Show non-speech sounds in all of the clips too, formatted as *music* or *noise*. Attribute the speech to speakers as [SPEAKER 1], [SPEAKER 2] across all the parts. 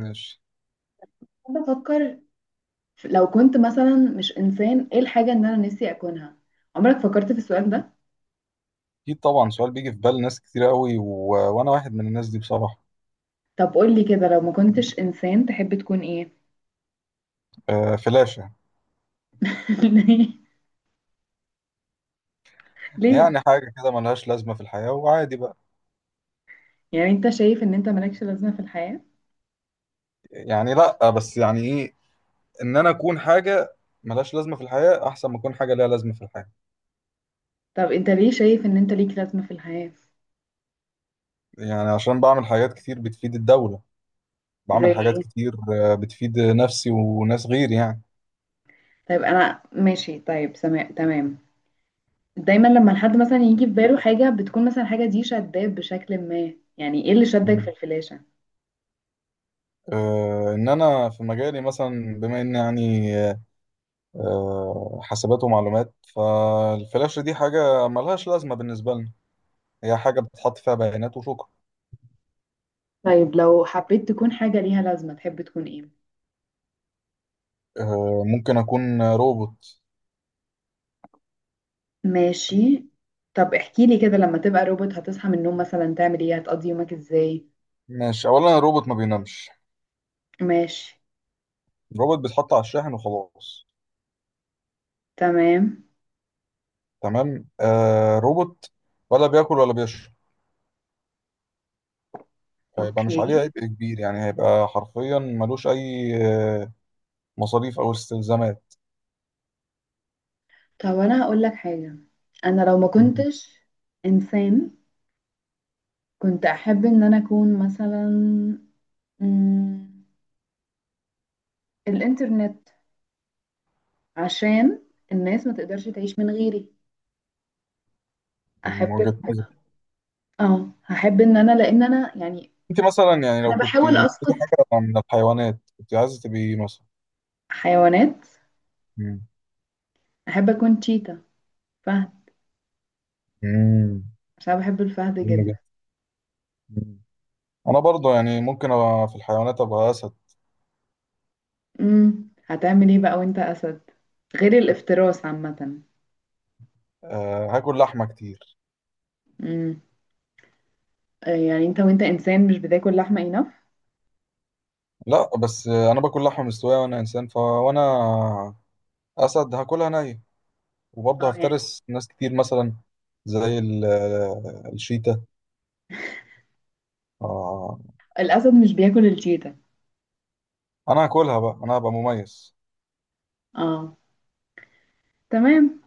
[SPEAKER 1] ماشي.
[SPEAKER 2] بفكر. لو كنت مثلا مش انسان، ايه الحاجة ان انا نفسي اكونها؟ عمرك فكرت في السؤال ده؟
[SPEAKER 1] اكيد طبعا، سؤال بيجي في بال ناس كتير قوي و... وانا واحد من الناس دي بصراحه.
[SPEAKER 2] طب قول لي كده، لو ما كنتش انسان تحب تكون ايه؟
[SPEAKER 1] آه، فلاشه.
[SPEAKER 2] *laughs* ليه؟ ليه؟
[SPEAKER 1] يعني حاجه كده ملهاش لازمه في الحياه، وعادي بقى.
[SPEAKER 2] يعني انت شايف ان انت مالكش لازمة في الحياة؟
[SPEAKER 1] يعني لا، بس يعني ايه، ان انا اكون حاجه ملهاش لازمه في الحياه احسن ما اكون حاجه ليها لازمه في الحياه.
[SPEAKER 2] طب انت ليه شايف ان انت ليك لازمة في الحياة؟
[SPEAKER 1] يعني عشان بعمل حاجات كتير بتفيد الدوله. بعمل
[SPEAKER 2] زي
[SPEAKER 1] حاجات
[SPEAKER 2] ايه؟
[SPEAKER 1] كتير، بتفيد نفسي وناس غيري يعني.
[SPEAKER 2] طيب انا ماشي، طيب سماء، تمام. دايما لما الحد مثلا يجي في باله حاجة بتكون مثلا حاجة دي شداه بشكل ما، يعني ايه اللي شدك
[SPEAKER 1] مم.
[SPEAKER 2] في الفلاشة؟
[SPEAKER 1] ان انا في مجالي مثلا، بما اني يعني حاسبات ومعلومات، فالفلاشه دي حاجه ملهاش لازمه بالنسبه لنا. هي حاجة بتحط فيها بيانات وشكرا.
[SPEAKER 2] طيب لو حبيت تكون حاجة ليها لازمة تحب تكون ايه؟
[SPEAKER 1] ممكن أكون روبوت.
[SPEAKER 2] ماشي. طب احكي لي كده، لما تبقى روبوت هتصحى من النوم مثلا تعمل ايه؟ هتقضي يومك ازاي؟
[SPEAKER 1] ماشي، أولا الروبوت ما بينامش.
[SPEAKER 2] ماشي.
[SPEAKER 1] الروبوت بيتحط على الشاحن وخلاص.
[SPEAKER 2] تمام.
[SPEAKER 1] تمام، آه روبوت. ولا بياكل ولا بيشرب. فيبقى مش
[SPEAKER 2] اوكي.
[SPEAKER 1] عليه عبء كبير، يعني هيبقى حرفيا ملوش أي مصاريف أو استلزامات.
[SPEAKER 2] طب انا هقول لك حاجة، انا لو ما كنتش انسان كنت احب ان انا اكون مثلا مم، الانترنت، عشان الناس ما تقدرش تعيش من غيري.
[SPEAKER 1] من
[SPEAKER 2] احب،
[SPEAKER 1] وجهة نظري.
[SPEAKER 2] اه هحب ان انا لان انا يعني،
[SPEAKER 1] أنت مثلا، يعني لو
[SPEAKER 2] انا
[SPEAKER 1] كنت
[SPEAKER 2] بحاول
[SPEAKER 1] لقيتي
[SPEAKER 2] اسقط
[SPEAKER 1] حاجة من الحيوانات كنت عايزة تبقي إيه مثلا؟
[SPEAKER 2] حيوانات.
[SPEAKER 1] مم.
[SPEAKER 2] احب اكون تشيتا، فهد،
[SPEAKER 1] مم.
[SPEAKER 2] عشان أنا بحب الفهد
[SPEAKER 1] جميلة جدا.
[SPEAKER 2] جدا.
[SPEAKER 1] مم. أنا برضه يعني ممكن أبقى في الحيوانات أبقى أسد.
[SPEAKER 2] هتعمل ايه بقى وانت اسد، غير الافتراس عامة؟
[SPEAKER 1] آه، هاكل لحمة كتير.
[SPEAKER 2] امم يعني انت وانت انسان مش بتاكل لحمة enough؟
[SPEAKER 1] لا، بس انا باكل لحمه مستويه وانا انسان، فوانا اسد هاكلها نيه. وبرضه
[SPEAKER 2] اه يعني،
[SPEAKER 1] هفترس ناس كتير مثلا. زي *hesitation* الشيتا. آه،
[SPEAKER 2] الاسد مش بياكل الشيتا.
[SPEAKER 1] انا هاكلها بقى، انا هبقى مميز.
[SPEAKER 2] اه، تمام.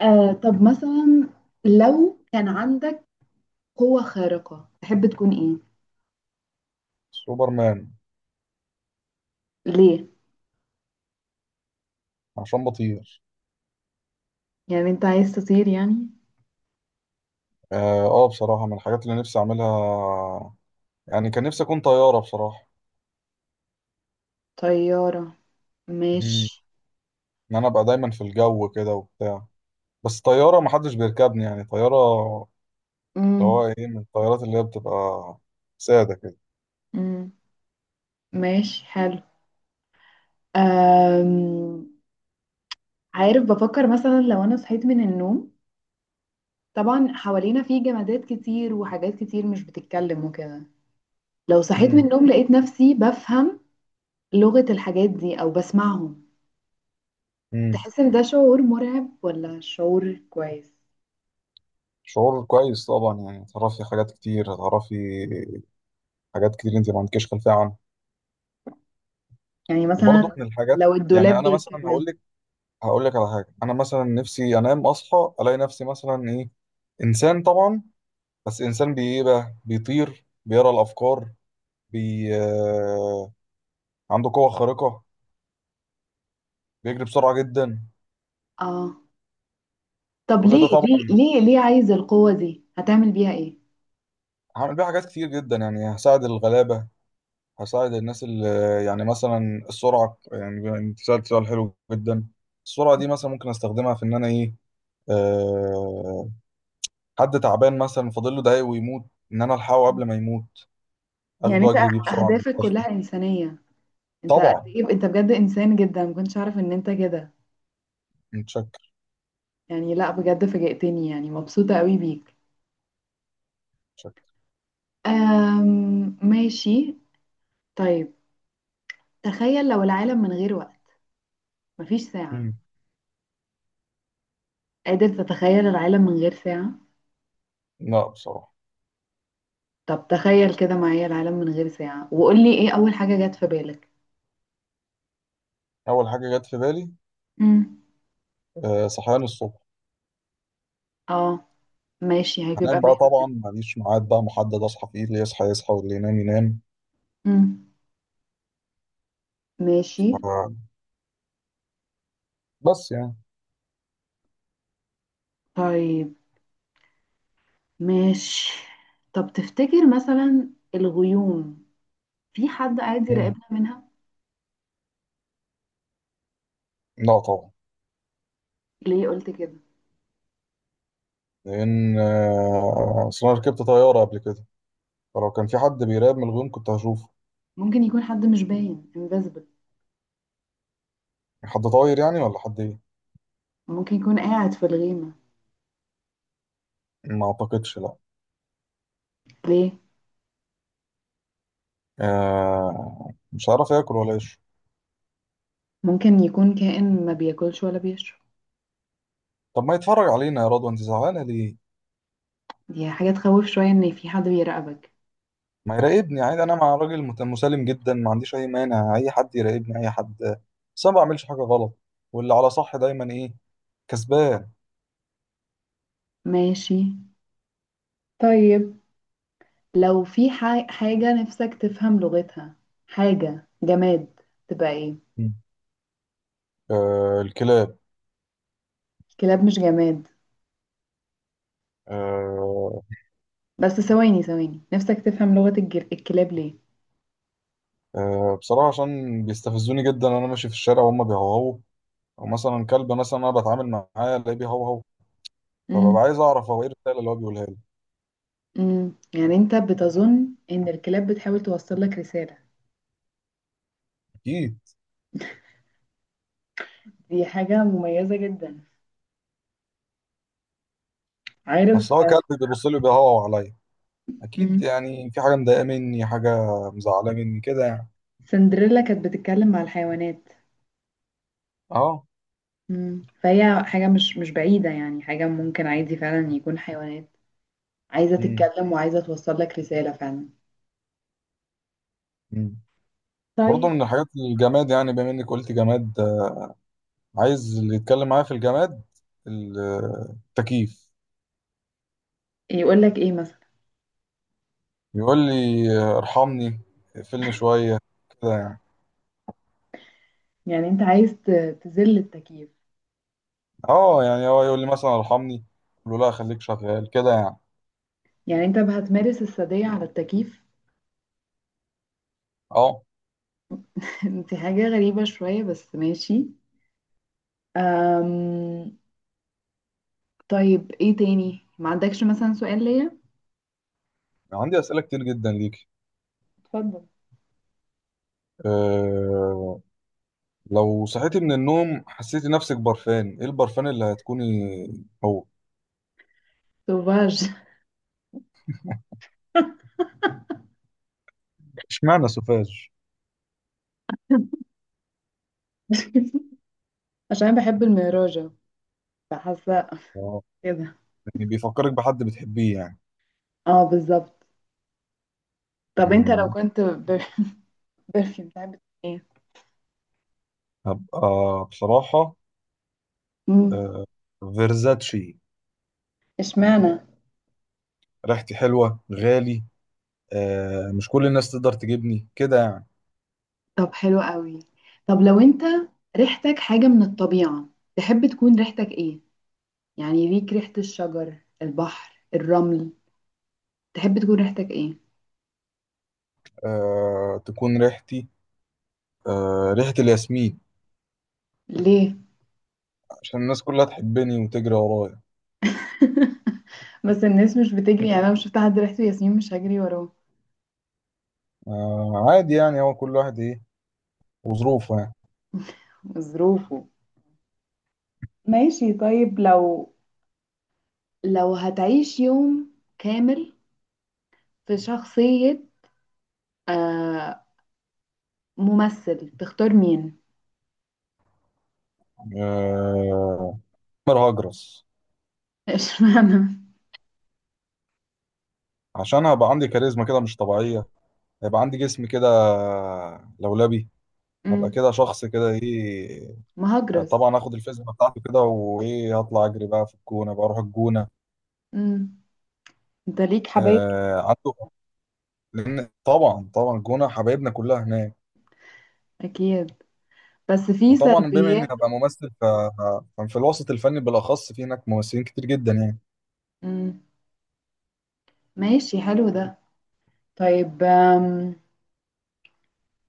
[SPEAKER 2] آه طب مثلا، لو كان عندك قوة خارقة تحب تكون ايه؟
[SPEAKER 1] سوبرمان.
[SPEAKER 2] ليه؟
[SPEAKER 1] عشان بطير.
[SPEAKER 2] يعني انت عايز تطير يعني؟
[SPEAKER 1] اه، بصراحه من الحاجات اللي نفسي اعملها. يعني كان نفسي اكون طياره بصراحه.
[SPEAKER 2] طيارة؟
[SPEAKER 1] مم.
[SPEAKER 2] ماشي.
[SPEAKER 1] ان انا ابقى دايما في الجو كده وبتاع. بس طياره محدش بيركبني، يعني طياره اللي
[SPEAKER 2] امم
[SPEAKER 1] هو ايه، من الطيارات اللي هي بتبقى ساده كده.
[SPEAKER 2] امم ماشي، حلو. آم... عارف، بفكر مثلا لو انا صحيت من النوم، طبعا حوالينا في جمادات كتير وحاجات كتير مش بتتكلم وكده، لو صحيت من
[SPEAKER 1] مم.
[SPEAKER 2] النوم لقيت نفسي بفهم لغة الحاجات دي أو بسمعهم،
[SPEAKER 1] مم.
[SPEAKER 2] تحس إن ده شعور مرعب ولا شعور كويس؟
[SPEAKER 1] شعور كويس طبعا، يعني تعرفي حاجات كتير، هتعرفي حاجات كتير انت ما عندكيش خلفيه عنها.
[SPEAKER 2] يعني مثلا
[SPEAKER 1] وبرضه من الحاجات،
[SPEAKER 2] لو
[SPEAKER 1] يعني
[SPEAKER 2] الدولاب
[SPEAKER 1] انا مثلا هقول
[SPEAKER 2] بيتكلم.
[SPEAKER 1] لك، هقول لك على حاجه، انا مثلا نفسي انام اصحى الاقي نفسي مثلا ايه، انسان طبعا. بس انسان بي ايه بقى، بيطير، بيقرا الافكار، بي آه، عنده قوه خارقه، بيجري بسرعه جدا.
[SPEAKER 2] آه طب
[SPEAKER 1] كل ده
[SPEAKER 2] ليه؟ ليه
[SPEAKER 1] طبعا،
[SPEAKER 2] ليه ليه عايز القوة دي؟ هتعمل بيها إيه؟
[SPEAKER 1] هعمل بيه حاجات كتير جدا، يعني هساعد الغلابه، هساعد الناس اللي، يعني مثلا السرعة، يعني بما انت سألت سؤال حلو جدا، السرعة دي مثلا ممكن استخدمها في ان انا ايه، أه، حد تعبان مثلا فاضل له دقايق ويموت، ان انا الحقه قبل ما يموت،
[SPEAKER 2] يعني
[SPEAKER 1] اخده
[SPEAKER 2] أنت
[SPEAKER 1] واجري بيه بسرعة من
[SPEAKER 2] أهدافك
[SPEAKER 1] المستشفى.
[SPEAKER 2] كلها إنسانية. أنت قد
[SPEAKER 1] طبعا.
[SPEAKER 2] إيه أنت بجد إنسان جدا، ما كنتش أعرف إن أنت كده.
[SPEAKER 1] متشكر.
[SPEAKER 2] يعني لا بجد فاجأتني، يعني مبسوطة قوي بيك.
[SPEAKER 1] متشكر.
[SPEAKER 2] ماشي. طيب، تخيل لو العالم من غير وقت، مفيش ساعة.
[SPEAKER 1] مم.
[SPEAKER 2] قادر تتخيل العالم من غير ساعة؟
[SPEAKER 1] لا، بصراحة.
[SPEAKER 2] طب تخيل كده معايا العالم من غير ساعة، وقول لي ايه أول حاجة جت في بالك؟
[SPEAKER 1] اول حاجة جت في بالي،
[SPEAKER 2] امم
[SPEAKER 1] أه، صحيان الصبح.
[SPEAKER 2] اه، ماشي، هيبقى
[SPEAKER 1] هنام بقى
[SPEAKER 2] ماله
[SPEAKER 1] طبعا،
[SPEAKER 2] يعني.
[SPEAKER 1] ماليش ميعاد بقى محدد اصحى فيه، اللي يصحى يصحى واللي ينام ينام.
[SPEAKER 2] امم ماشي.
[SPEAKER 1] آه، بس يعني.
[SPEAKER 2] طيب ماشي. طب تفتكر مثلا الغيوم، في حد قاعد
[SPEAKER 1] مم.
[SPEAKER 2] يراقبنا منها؟
[SPEAKER 1] لا طبعا.
[SPEAKER 2] ليه قلت كده؟
[SPEAKER 1] لان اصل انا ركبت طيارة قبل كده، فلو كان في حد بيراقب من الغيوم كنت هشوفه.
[SPEAKER 2] ممكن يكون حد مش باين، invisible.
[SPEAKER 1] حد طاير يعني، ولا حد ايه؟
[SPEAKER 2] ممكن يكون قاعد في الغيمة.
[SPEAKER 1] ما اعتقدش، لا.
[SPEAKER 2] ليه؟
[SPEAKER 1] آه، مش هعرف اكل ولا اشرب.
[SPEAKER 2] ممكن يكون كائن ما بياكلش ولا بيشرب.
[SPEAKER 1] طب ما يتفرج علينا، يا رضوى انت زعلانه ليه؟
[SPEAKER 2] دي حاجة تخوف شوية ان في حد بيراقبك.
[SPEAKER 1] ما يراقبني عادي، انا مع راجل مسالم جدا، ما عنديش اي مانع اي حد يراقبني، اي حد. بس انا ما بعملش حاجه غلط، واللي على صح دايما ايه، كسبان.
[SPEAKER 2] ماشي. طيب لو في حاجة نفسك تفهم لغتها، حاجة جماد، تبقى ايه؟
[SPEAKER 1] مم. آه، الكلاب.
[SPEAKER 2] كلاب مش جماد.
[SPEAKER 1] آه.
[SPEAKER 2] بس ثواني، نفسك تفهم لغة الكلاب ليه؟
[SPEAKER 1] آه، بصراحه عشان بيستفزوني جدا وانا ماشي في الشارع وهم بيهوهوا، ومثلا كلب مثلا انا بتعامل معاه الاقيه بيهوهو،
[SPEAKER 2] مم.
[SPEAKER 1] فببقى عايز اعرف هو ايه الرساله اللي هو بيقولها لي.
[SPEAKER 2] مم. يعني انت بتظن ان الكلاب بتحاول توصل لك رسالة؟
[SPEAKER 1] اكيد.
[SPEAKER 2] دي حاجة مميزة جدا. عارف،
[SPEAKER 1] اصل هو كاتب بيبص لي بيهوى عليا، اكيد
[SPEAKER 2] مم.
[SPEAKER 1] يعني في حاجه مضايقه مني، حاجه مزعله مني كده يعني.
[SPEAKER 2] سندريلا كانت بتتكلم مع الحيوانات.
[SPEAKER 1] اه.
[SPEAKER 2] مم. فهي حاجة مش بعيدة، يعني حاجة ممكن عادي فعلا يكون حيوانات عايزة
[SPEAKER 1] امم.
[SPEAKER 2] تتكلم وعايزة توصل لك رسالة فعلا.
[SPEAKER 1] امم. برضه
[SPEAKER 2] طيب،
[SPEAKER 1] من الحاجات الجماد، يعني بما انك قلت جماد، عايز اللي يتكلم معايا في الجماد، التكييف.
[SPEAKER 2] يقول لك ايه مثلا؟
[SPEAKER 1] يقول لي ارحمني، اقفلني شويه، كده يعني.
[SPEAKER 2] يعني انت عايز تذل التكييف؟
[SPEAKER 1] اه يعني، هو يقول لي مثلا ارحمني، اقول له لا، خليك شغال كده يعني.
[SPEAKER 2] يعني انت هتمارس السادية على التكييف؟
[SPEAKER 1] اه.
[SPEAKER 2] *laughs* انت حاجة غريبة شوية، بس ماشي. أم... طيب ايه تاني، ما عندكش مثلا سؤال ليا؟
[SPEAKER 1] عندي اسئله كتير جدا ليك.
[SPEAKER 2] اتفضل.
[SPEAKER 1] آه، لو صحيتي من النوم حسيتي نفسك برفان، ايه البرفان اللي هتكوني هو؟
[SPEAKER 2] سوفاج. *laughs*
[SPEAKER 1] اشمعنى سوفاج؟
[SPEAKER 2] عشان بحب الميراجة، فحاسة
[SPEAKER 1] آه،
[SPEAKER 2] كده.
[SPEAKER 1] يعني بيفكرك بحد بتحبيه يعني.
[SPEAKER 2] اه بالظبط. طب انت لو
[SPEAKER 1] مم،
[SPEAKER 2] كنت برفيوم بتاعت ايه؟
[SPEAKER 1] هبقى، بصراحة،
[SPEAKER 2] مم.
[SPEAKER 1] آه، فيرزاتشي.
[SPEAKER 2] اشمعنى؟
[SPEAKER 1] ريحتي حلوة، غالي، مش كل الناس تقدر تجيبني كده يعني.
[SPEAKER 2] طب حلو قوي. طب لو انت ريحتك حاجة من الطبيعة، تحب تكون ريحتك ايه؟ يعني ليك ريحة الشجر، البحر، الرمل، تحب تكون ريحتك ايه؟
[SPEAKER 1] تكون ريحتي ريحة الياسمين.
[SPEAKER 2] ليه؟
[SPEAKER 1] عشان الناس كلها تحبني وتجري ورايا.
[SPEAKER 2] *laughs* بس الناس مش بتجري، يعني انا مش شفت حد ريحته ياسمين مش هجري وراه.
[SPEAKER 1] عادي يعني، هو كل واحد ايه وظروفه يعني.
[SPEAKER 2] ظروفه. ماشي. طيب لو، لو هتعيش يوم كامل في شخصية، آه، ممثل، تختار مين؟
[SPEAKER 1] آه، عمر هجرس.
[SPEAKER 2] *laughs* اشمعنى؟
[SPEAKER 1] عشان هبقى عندي كاريزما كده مش طبيعية، هيبقى عندي جسم كده لولبي، هبقى
[SPEAKER 2] مم،
[SPEAKER 1] كده شخص كده ايه.
[SPEAKER 2] مهاجرس.
[SPEAKER 1] طبعا هاخد الفيزياء بتاعته كده، وايه، هطلع اجري بقى في الجونة، بقى اروح الجونة.
[SPEAKER 2] امم انت ليك حبايب كتير.
[SPEAKER 1] آه عنده. لان طبعا طبعا، الجونة حبايبنا كلها هناك.
[SPEAKER 2] اكيد، بس في
[SPEAKER 1] وطبعا بما اني
[SPEAKER 2] سلبيات.
[SPEAKER 1] هبقى ممثل، ففي الوسط الفني بالاخص، في هناك ممثلين كتير جدا يعني.
[SPEAKER 2] امم ماشي، حلو ده. طيب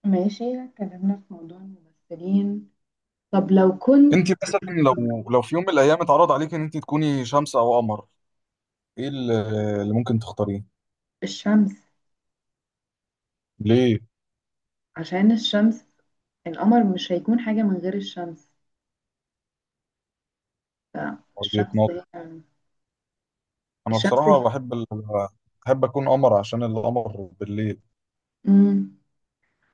[SPEAKER 2] ماشي، اتكلمنا في موضوع الممثلين. طب لو كنت،
[SPEAKER 1] انت مثلا، لو في يوم من الايام اتعرض عليك ان انت تكوني شمس او قمر، ايه اللي ممكن تختاريه؟
[SPEAKER 2] الشمس،
[SPEAKER 1] ليه؟
[SPEAKER 2] عشان الشمس، القمر مش هيكون حاجة من غير الشمس،
[SPEAKER 1] هو
[SPEAKER 2] فالشمس
[SPEAKER 1] بيتناقض.
[SPEAKER 2] هي،
[SPEAKER 1] انا
[SPEAKER 2] الشمس هي.
[SPEAKER 1] بصراحه بحب اكون قمر عشان القمر بالليل.
[SPEAKER 2] امم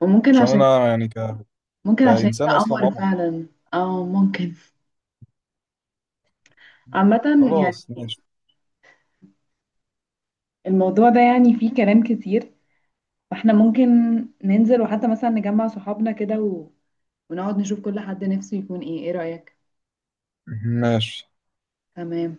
[SPEAKER 2] وممكن
[SPEAKER 1] عشان
[SPEAKER 2] عشان،
[SPEAKER 1] انا يعني
[SPEAKER 2] ممكن عشان انت
[SPEAKER 1] كانسان اصلا
[SPEAKER 2] قمر
[SPEAKER 1] قمر.
[SPEAKER 2] فعلا. اه ممكن. عامة
[SPEAKER 1] خلاص،
[SPEAKER 2] يعني،
[SPEAKER 1] ماشي.
[SPEAKER 2] الموضوع ده يعني فيه كلام كتير، فاحنا ممكن ننزل وحتى مثلا نجمع صحابنا كده و... ونقعد نشوف كل حد نفسه يكون ايه، ايه رأيك؟
[SPEAKER 1] ماشي.
[SPEAKER 2] تمام.